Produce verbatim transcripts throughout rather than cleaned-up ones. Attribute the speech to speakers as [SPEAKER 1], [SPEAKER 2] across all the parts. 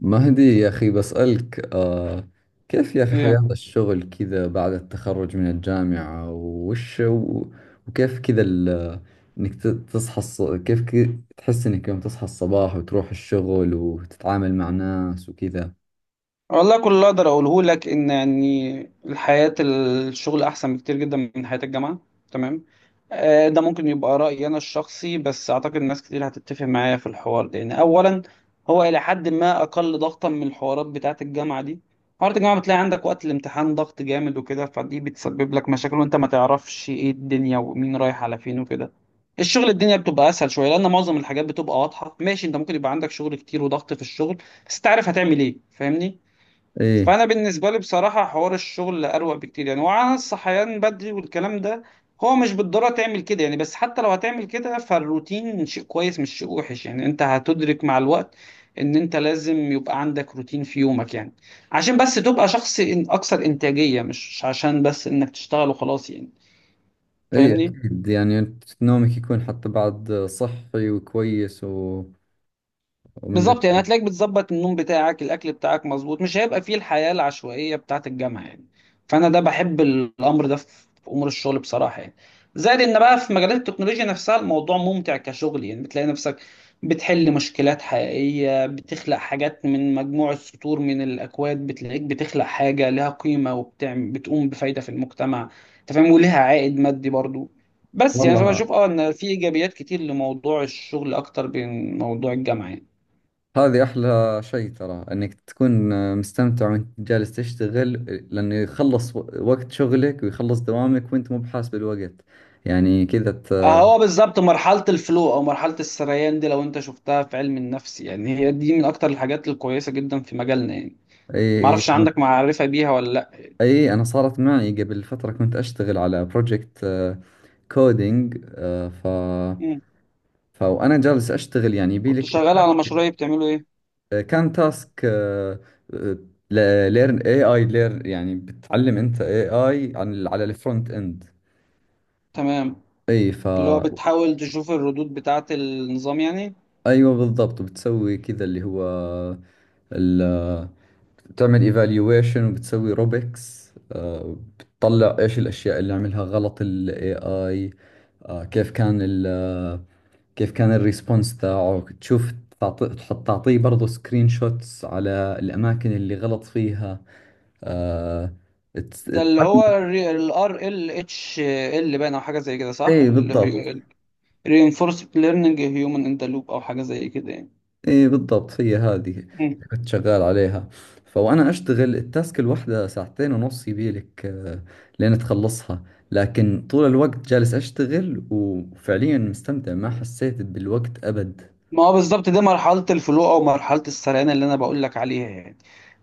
[SPEAKER 1] مهدي يا أخي بسألك، آه كيف يا أخي،
[SPEAKER 2] ايه
[SPEAKER 1] مم.
[SPEAKER 2] يا
[SPEAKER 1] حياة
[SPEAKER 2] محمد.
[SPEAKER 1] الشغل كذا بعد التخرج من الجامعة، وش و- وكيف كذا ال- إنك ت- تصحى الص... كيف كي... تحس إنك يوم تصحى الصباح وتروح الشغل وتتعامل مع ناس وكذا؟
[SPEAKER 2] والله كل اللي اقدر اقوله لك ان يعني الحياة الشغل احسن بكتير جدا من حياة الجامعة. تمام. آه، ده ممكن يبقى رأيي انا الشخصي، بس اعتقد ناس كتير هتتفق معايا في الحوار ده. لان اولا هو الى حد ما اقل ضغطا من الحوارات بتاعة الجامعة دي. حوارات الجامعة بتلاقي عندك وقت الامتحان ضغط جامد وكده، فدي بتسبب لك مشاكل وانت ما تعرفش ايه الدنيا ومين رايح على فين وكده. الشغل الدنيا بتبقى اسهل شويه لان معظم الحاجات بتبقى واضحه، ماشي؟ انت ممكن يبقى عندك شغل كتير وضغط في الشغل، بس تعرف هتعمل ايه، فاهمني؟
[SPEAKER 1] إيه،
[SPEAKER 2] فانا بالنسبه لي بصراحه حوار الشغل اروق بكتير يعني، وعلى الصحيان بدري والكلام ده هو مش بالضروره تعمل كده يعني، بس حتى لو هتعمل كده فالروتين شيء كويس مش شيء وحش يعني. انت هتدرك مع الوقت ان انت لازم يبقى عندك روتين في يومك يعني، عشان بس تبقى شخص إن- اكثر انتاجيه، مش عشان بس انك تشتغل وخلاص يعني،
[SPEAKER 1] إيه،
[SPEAKER 2] فاهمني؟
[SPEAKER 1] أكيد، يعني نومك يكون حتى بعد صحي وكويس و... ومن
[SPEAKER 2] بالظبط
[SPEAKER 1] ذلك.
[SPEAKER 2] يعني هتلاقيك بتظبط النوم بتاعك، الاكل بتاعك مظبوط، مش هيبقى فيه الحياه العشوائيه بتاعه الجامعه يعني. فانا ده بحب الامر ده في في امور الشغل بصراحه يعني. زائد ان بقى في مجالات التكنولوجيا نفسها الموضوع ممتع كشغل يعني، بتلاقي نفسك بتحل مشكلات حقيقيه، بتخلق حاجات من مجموعه سطور من الاكواد. بتلاقيك بتخلق حاجه لها قيمه وبتعمل بتقوم بفايده في المجتمع، انت فاهم، ولها عائد مادي برضو. بس يعني
[SPEAKER 1] والله،
[SPEAKER 2] فبشوف اه ان في ايجابيات كتير لموضوع الشغل اكتر من موضوع الجامعه يعني.
[SPEAKER 1] هذه أحلى شيء، ترى إنك تكون مستمتع وأنت جالس تشتغل. لأنه يخلص و- وقت شغلك ويخلص دوامك وأنت مو بحاس بالوقت يعني كذا ت...
[SPEAKER 2] آه، هو بالظبط مرحلة الفلو أو مرحلة السريان دي لو أنت شفتها في علم النفس يعني، هي دي من أكتر الحاجات الكويسة جدا في مجالنا يعني.
[SPEAKER 1] أي... أي،
[SPEAKER 2] معرفش عندك معرفة بيها ولا لأ.
[SPEAKER 1] أي، أنا صارت معي قبل فترة كنت أشتغل على بروجكت كودينج. ف
[SPEAKER 2] مم.
[SPEAKER 1] ف- وأنا جالس أشتغل يعني
[SPEAKER 2] كنت
[SPEAKER 1] يبيلك
[SPEAKER 2] شغال على مشروع بتعمله إيه؟
[SPEAKER 1] كان تاسك ليرن اي اي، ليرن يعني بتعلم انت اي اي عن على الفرونت اند.
[SPEAKER 2] تمام.
[SPEAKER 1] اي. ف
[SPEAKER 2] اللي هو بتحاول تشوف الردود بتاعة النظام يعني.
[SPEAKER 1] ايوه بالضبط، بتسوي كذا اللي هو ال بتعمل ايفالويشن وبتسوي روبكس، بتطلع ايش الاشياء اللي عملها غلط الاي اي. كيف كان ال كيف كان الريسبونس تاعه، تشوف، تعطي تحط تعطيه برضه سكرين شوتس على الاماكن اللي غلط فيها. آه، تس-
[SPEAKER 2] ده اللي هو ال آر إل إتش إل باين أو حاجة زي كده
[SPEAKER 1] اي
[SPEAKER 2] صح؟ اللي هو
[SPEAKER 1] بالضبط.
[SPEAKER 2] Reinforced Learning Human in the Loop أو حاجة زي كده يعني.
[SPEAKER 1] ايه بالضبط، هي هذه اللي كنت شغال عليها، فوانا اشتغل التاسك الواحدة ساعتين ونص يبيلك، آه، لين تخلصها. لكن طول الوقت جالس اشتغل وفعليا مستمتع، ما حسيت بالوقت ابد.
[SPEAKER 2] ما هو بالظبط دي مرحلة الفلو أو مرحلة السريان اللي أنا بقول لك عليها يعني.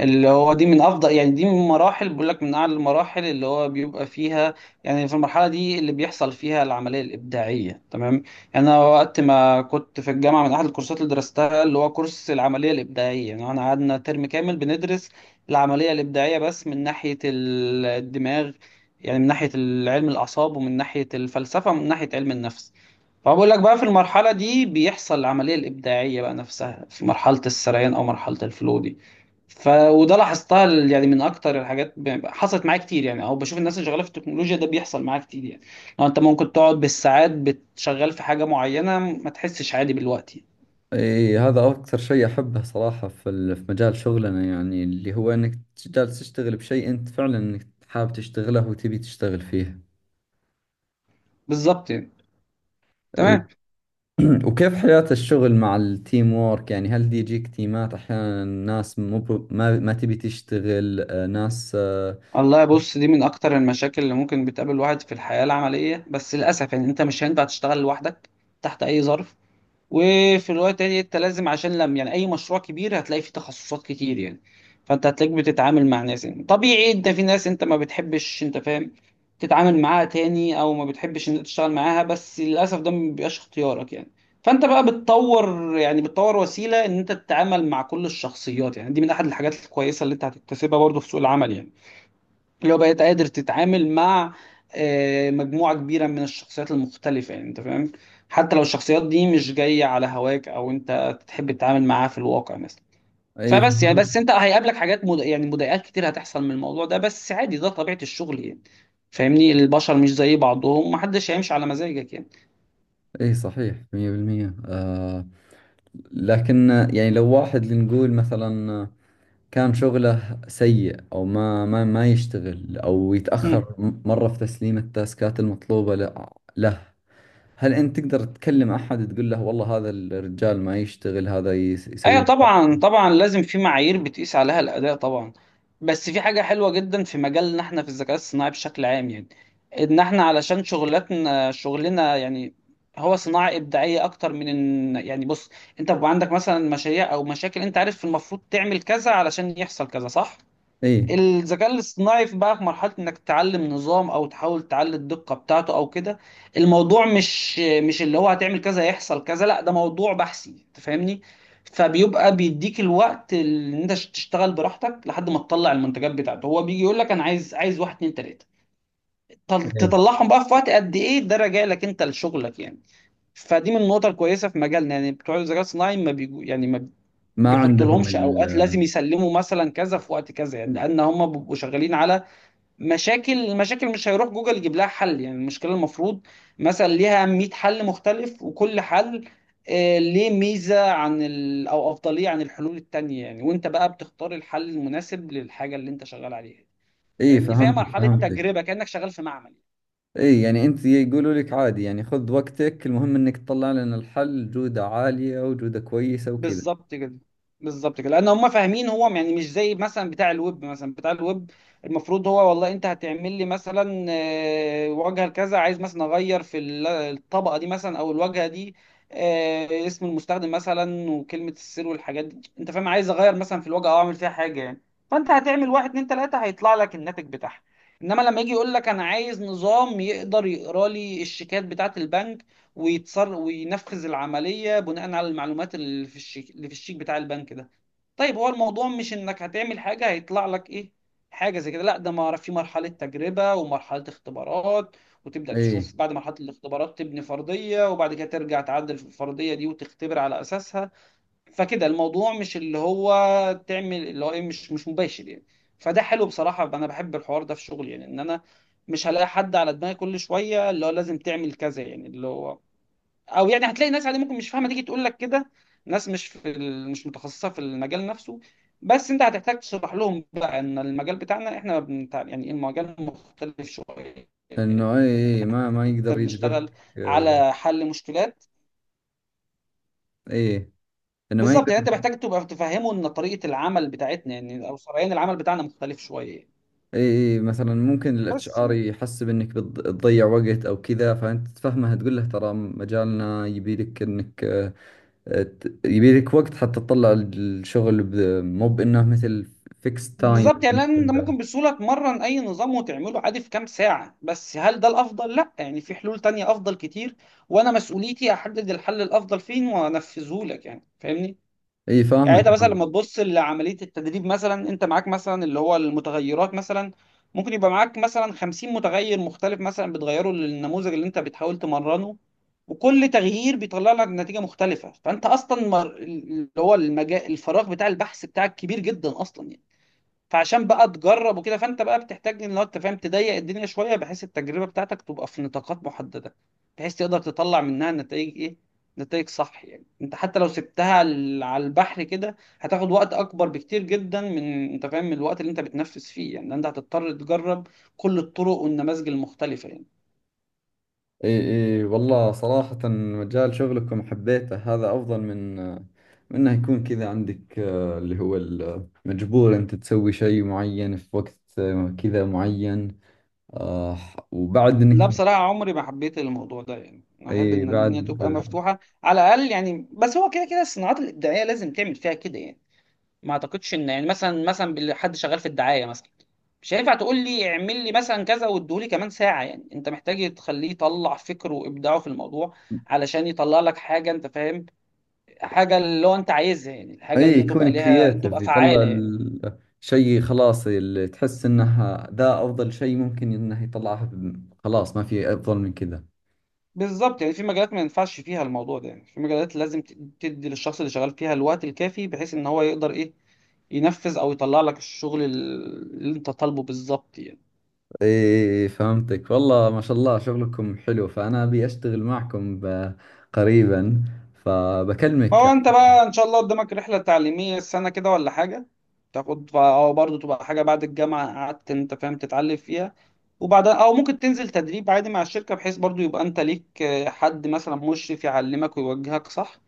[SPEAKER 2] اللي هو دي من أفضل يعني، دي من مراحل بقول لك من أعلى المراحل اللي هو بيبقى فيها يعني، في المرحلة دي اللي بيحصل فيها العملية الإبداعية. تمام. يعني أنا وقت ما كنت في الجامعة من أحد الكورسات اللي درستها اللي هو كورس العملية الإبداعية، يعني أنا قعدنا ترم كامل بندرس العملية الإبداعية بس من ناحية ال- الدماغ، يعني من ناحية علم الأعصاب ومن ناحية الفلسفة ومن ناحية علم النفس. فبقول لك بقى في المرحلة دي بيحصل العملية الإبداعية بقى نفسها في مرحلة السريان أو مرحلة الفلو دي. ف وده لاحظتها ال- يعني من أكتر الحاجات ب- حصلت معايا كتير يعني، أو بشوف الناس اللي شغالة في التكنولوجيا ده بيحصل معايا كتير يعني. لو أنت ممكن تقعد بالساعات بتشغل في حاجة معينة ما تحسش عادي بالوقت يعني.
[SPEAKER 1] ايه، هذا اكثر شيء احبه صراحة في ال- في مجال شغلنا يعني اللي هو انك جالس تشتغل بشيء انت فعلا انك حابب تشتغله وتبي تشتغل فيه.
[SPEAKER 2] بالظبط يعني.
[SPEAKER 1] إيه،
[SPEAKER 2] تمام.
[SPEAKER 1] وكيف حياة الشغل مع التيم وورك؟ يعني هل دي يجيك تيمات أحيانا ناس مو ب- ما ما تبي تشتغل، آه، ناس. آه،
[SPEAKER 2] والله بص، دي من أكتر المشاكل اللي ممكن بتقابل الواحد في الحياة العملية، بس للأسف يعني أنت مش هينفع تشتغل لوحدك تحت أي ظرف. وفي الوقت التاني انت لازم عشان لم يعني اي مشروع كبير هتلاقي فيه تخصصات كتير يعني. فانت هتلاقيك بتتعامل مع ناس يعني، طبيعي انت في ناس انت ما بتحبش، انت فاهم، تتعامل معاها تاني او ما بتحبش ان انت تشتغل معاها، بس للاسف ده ما بيبقاش اختيارك يعني. فانت بقى بتطور يعني بتطور وسيلة ان انت تتعامل مع كل الشخصيات يعني. دي من احد الحاجات الكويسة اللي انت هتكتسبها برضه في سوق العمل يعني، اللي هو بقيت قادر تتعامل مع آه، مجموعة كبيرة من الشخصيات المختلفة يعني، انت فاهم، حتى لو الشخصيات دي مش جاية على هواك او انت تحب تتعامل معاها في الواقع مثلا.
[SPEAKER 1] أي،
[SPEAKER 2] فبس يعني بس انت هيقابلك حاجات مد... يعني مضايقات كتير هتحصل من الموضوع ده، بس عادي ده طبيعة الشغل يعني، فاهمني؟ البشر مش زي بعضهم، محدش هيمشي على مزاجك يعني.
[SPEAKER 1] أي، صحيح مية بالمية. آه لكن، آه، يعني لو واحد لنقول مثلا، آه، كان شغله سيء أو ما ما ما يشتغل أو
[SPEAKER 2] مم.
[SPEAKER 1] يتأخر م- مرة في تسليم التاسكات المطلوبة ل- له. هل أنت تقدر تكلم أحد تقول له والله هذا الرجال ما يشتغل، هذا يس-
[SPEAKER 2] ايوه
[SPEAKER 1] يسوي؟
[SPEAKER 2] طبعا، طبعا لازم في معايير بتقيس عليها الاداء طبعا. بس في حاجه حلوه جدا في مجالنا احنا في الذكاء الصناعي بشكل عام يعني، ان احنا علشان شغلتنا شغلنا يعني هو صناعه ابداعيه اكتر من ان يعني. بص، انت بيبقى عندك مثلا مشاريع او مشاكل انت عارف المفروض تعمل كذا علشان يحصل كذا، صح؟
[SPEAKER 1] اي،
[SPEAKER 2] الذكاء الاصطناعي في بقى في مرحلة انك تعلم نظام او تحاول تعلي الدقة بتاعته او كده. الموضوع مش مش اللي هو هتعمل كذا يحصل كذا، لا ده موضوع بحثي، انت فاهمني؟ فبيبقى بيديك الوقت اللي انت تشتغل براحتك لحد ما تطلع المنتجات بتاعته. هو بيجي يقول لك انا عايز عايز واحد اتنين تلاتة، تل-
[SPEAKER 1] اي،
[SPEAKER 2] تطلعهم بقى في وقت قد ايه ده راجع لك انت لشغلك يعني. فدي من النقط الكويسة في مجالنا يعني، بتوع الذكاء الصناعي ما بيجو يعني ما
[SPEAKER 1] ما
[SPEAKER 2] بيحطوا
[SPEAKER 1] عندهم.
[SPEAKER 2] لهمش اوقات لازم يسلموا مثلا كذا في وقت كذا يعني، لان هم بيبقوا شغالين على مشاكل. المشاكل مش هيروح جوجل يجيب لها حل يعني، المشكله المفروض مثلا ليها مية حل مختلف، وكل حل آه، ليه ميزه عن ال... او افضليه عن الحلول التانيه يعني، وانت بقى بتختار الحل المناسب للحاجه اللي انت شغال عليها،
[SPEAKER 1] اي
[SPEAKER 2] فاهمني؟ فهي
[SPEAKER 1] فهمتك،
[SPEAKER 2] مرحله
[SPEAKER 1] فهمتك.
[SPEAKER 2] تجربه كانك شغال في معمل.
[SPEAKER 1] اي، يعني انت يقولوا لك عادي، يعني خذ وقتك، المهم انك تطلع لنا الحل جودة عالية وجودة كويسة وكذا.
[SPEAKER 2] بالظبط كده. بالظبط كده، لان هم فاهمين هو يعني مش زي مثلا بتاع الويب. مثلا بتاع الويب المفروض هو والله انت هتعمل لي مثلا آه، واجهه كذا، عايز مثلا اغير في ال- الطبقه دي مثلا او الواجهه دي، آه، اسم المستخدم مثلا وكلمه السر والحاجات دي، انت فاهم، عايز اغير مثلا في الواجهه او اعمل فيها حاجه يعني. فانت هتعمل واحد اتنين تلاته هيطلع لك الناتج بتاعها. انما لما يجي يقول لك انا عايز نظام يقدر يقرا لي الشيكات بتاعه البنك ويتصر وينفذ العملية بناء على المعلومات اللي في الشيك اللي في الشيك بتاع البنك ده، طيب هو الموضوع مش انك هتعمل حاجة هيطلع لك ايه حاجة زي كده، لا ده ما في مرحلة تجربة ومرحلة اختبارات، وتبدأ
[SPEAKER 1] اي
[SPEAKER 2] تشوف بعد مرحلة الاختبارات تبني فرضية، وبعد كده ترجع تعدل في الفرضية دي وتختبر على أساسها. فكده الموضوع مش اللي هو تعمل اللي هو ايه، مش مش مباشر يعني. فده حلو بصراحة، انا بحب الحوار ده في شغلي، يعني ان انا مش هلاقي حد على دماغي كل شوية اللي هو لازم تعمل كذا يعني. اللي هو او يعني هتلاقي ناس عادي ممكن مش فاهمه تيجي تقول لك كده، ناس مش في ال... مش متخصصه في المجال نفسه، بس انت هتحتاج تشرح لهم بقى ان المجال بتاعنا احنا بنت... يعني إيه المجال مختلف شويه.
[SPEAKER 1] انه اي، اي ما ما
[SPEAKER 2] احنا
[SPEAKER 1] يقدر يجبرك.
[SPEAKER 2] بنشتغل
[SPEAKER 1] آه،
[SPEAKER 2] على حل مشكلات.
[SPEAKER 1] اي انه ما
[SPEAKER 2] بالظبط
[SPEAKER 1] يقدر.
[SPEAKER 2] يعني، انت محتاج تبقى تفهمه ان طريقه العمل بتاعتنا يعني او سريان العمل بتاعنا مختلف شويه يعني.
[SPEAKER 1] اي، اي مثلا ممكن الاتش
[SPEAKER 2] بس
[SPEAKER 1] ار
[SPEAKER 2] يعني
[SPEAKER 1] يحسب انك بتض- بتضيع وقت او كذا، فانت تفهمها تقول له ترى مجالنا يبي لك انك، آه، آه، ت- يبي لك وقت حتى تطلع الشغل، ب- مو بانه مثل فيكس
[SPEAKER 2] بالظبط
[SPEAKER 1] تايم.
[SPEAKER 2] يعني لان انت ممكن بسهوله تمرن اي نظام وتعمله عادي في كام ساعه، بس هل ده الافضل؟ لا يعني في حلول تانية افضل كتير، وانا مسؤوليتي احدد الحل الافضل فين وانفذه لك يعني، فاهمني؟
[SPEAKER 1] اي
[SPEAKER 2] يعني
[SPEAKER 1] فاهمك.
[SPEAKER 2] انت مثلا لما تبص لعمليه التدريب مثلا انت معاك مثلا اللي هو المتغيرات مثلا، ممكن يبقى معاك مثلا خمسين متغير مختلف مثلا بتغيره للنموذج اللي انت بتحاول تمرنه، وكل تغيير بيطلع لك نتيجة مختلفة، فأنت أصلا مر... اللي هو المجال الفراغ بتاع البحث بتاعك كبير جدا أصلا يعني. فعشان بقى تجرب وكده فانت بقى بتحتاج ان لو انت فاهم تضيق الدنيا شويه بحيث التجربه بتاعتك تبقى في نطاقات محدده، بحيث تقدر تطلع منها نتائج ايه، نتائج صح يعني. انت حتى لو سبتها على على البحر كده هتاخد وقت اكبر بكتير جدا من، انت فاهم، من الوقت اللي انت بتنفذ فيه يعني. انت هتضطر تجرب كل الطرق والنماذج المختلفه يعني.
[SPEAKER 1] اي، اي والله صراحة مجال شغلكم حبيته، هذا افضل من من انه يكون كذا عندك، آه، اللي هو ال- مجبور انت تسوي شيء معين في وقت آه، كذا معين، آه، وبعد
[SPEAKER 2] لا
[SPEAKER 1] انك،
[SPEAKER 2] بصراحه عمري ما حبيت الموضوع ده يعني، انا احب
[SPEAKER 1] اي
[SPEAKER 2] ان الدنيا
[SPEAKER 1] بعد،
[SPEAKER 2] تبقى مفتوحه على الاقل يعني، بس هو كده كده الصناعات الابداعيه لازم تعمل فيها كده يعني. ما اعتقدش ان يعني مثلا مثلا بال- حد شغال في الدعايه مثلا مش هينفع تقول لي اعمل لي مثلا كذا واديهولي كمان ساعه يعني، انت محتاج تخليه يطلع فكره وابداعه في الموضوع علشان يطلع لك حاجه، انت فاهم، حاجه اللي هو انت عايزها يعني، الحاجه
[SPEAKER 1] اي
[SPEAKER 2] اللي تبقى
[SPEAKER 1] يكون
[SPEAKER 2] ليها
[SPEAKER 1] كرييتيف،
[SPEAKER 2] تبقى
[SPEAKER 1] يطلع
[SPEAKER 2] فعاله يعني.
[SPEAKER 1] الشيء خلاص اللي تحس انه ذا افضل شيء ممكن انه يطلعه، خلاص ما في افضل من كذا.
[SPEAKER 2] بالظبط يعني في مجالات ما ينفعش فيها الموضوع ده يعني، في مجالات لازم ت- تدي للشخص اللي شغال فيها الوقت الكافي بحيث ان هو يقدر ايه ينفذ او يطلع لك الشغل اللي انت طالبه بالظبط يعني.
[SPEAKER 1] ايه فهمتك، والله ما شاء الله شغلكم حلو، فانا ابي اشتغل معكم ب- قريبا. فبكلمك. ايه،
[SPEAKER 2] هو انت بقى ان شاء الله قدامك رحله تعليميه السنه كده ولا حاجه تاخد ف- او برضه تبقى حاجه بعد الجامعه قعدت، انت فاهم، تتعلم فيها، وبعدها او ممكن تنزل تدريب عادي مع الشركه بحيث برضه يبقى انت ليك آه، حد مثلا مشرف يعلمك ويوجهك، صح؟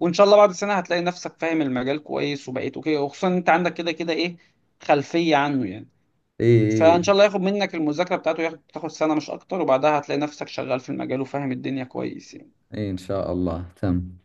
[SPEAKER 2] وان شاء الله بعد سنه هتلاقي نفسك فاهم المجال كويس وبقيت اوكي، وخصوصا انت عندك كده كده ايه خلفيه عنه يعني.
[SPEAKER 1] ايه،
[SPEAKER 2] فان شاء الله ياخد منك المذاكره بتاعته ياخد تاخد سنه مش اكتر، وبعدها هتلاقي نفسك شغال في المجال وفاهم الدنيا كويس يعني
[SPEAKER 1] إيه، ان شاء الله تم.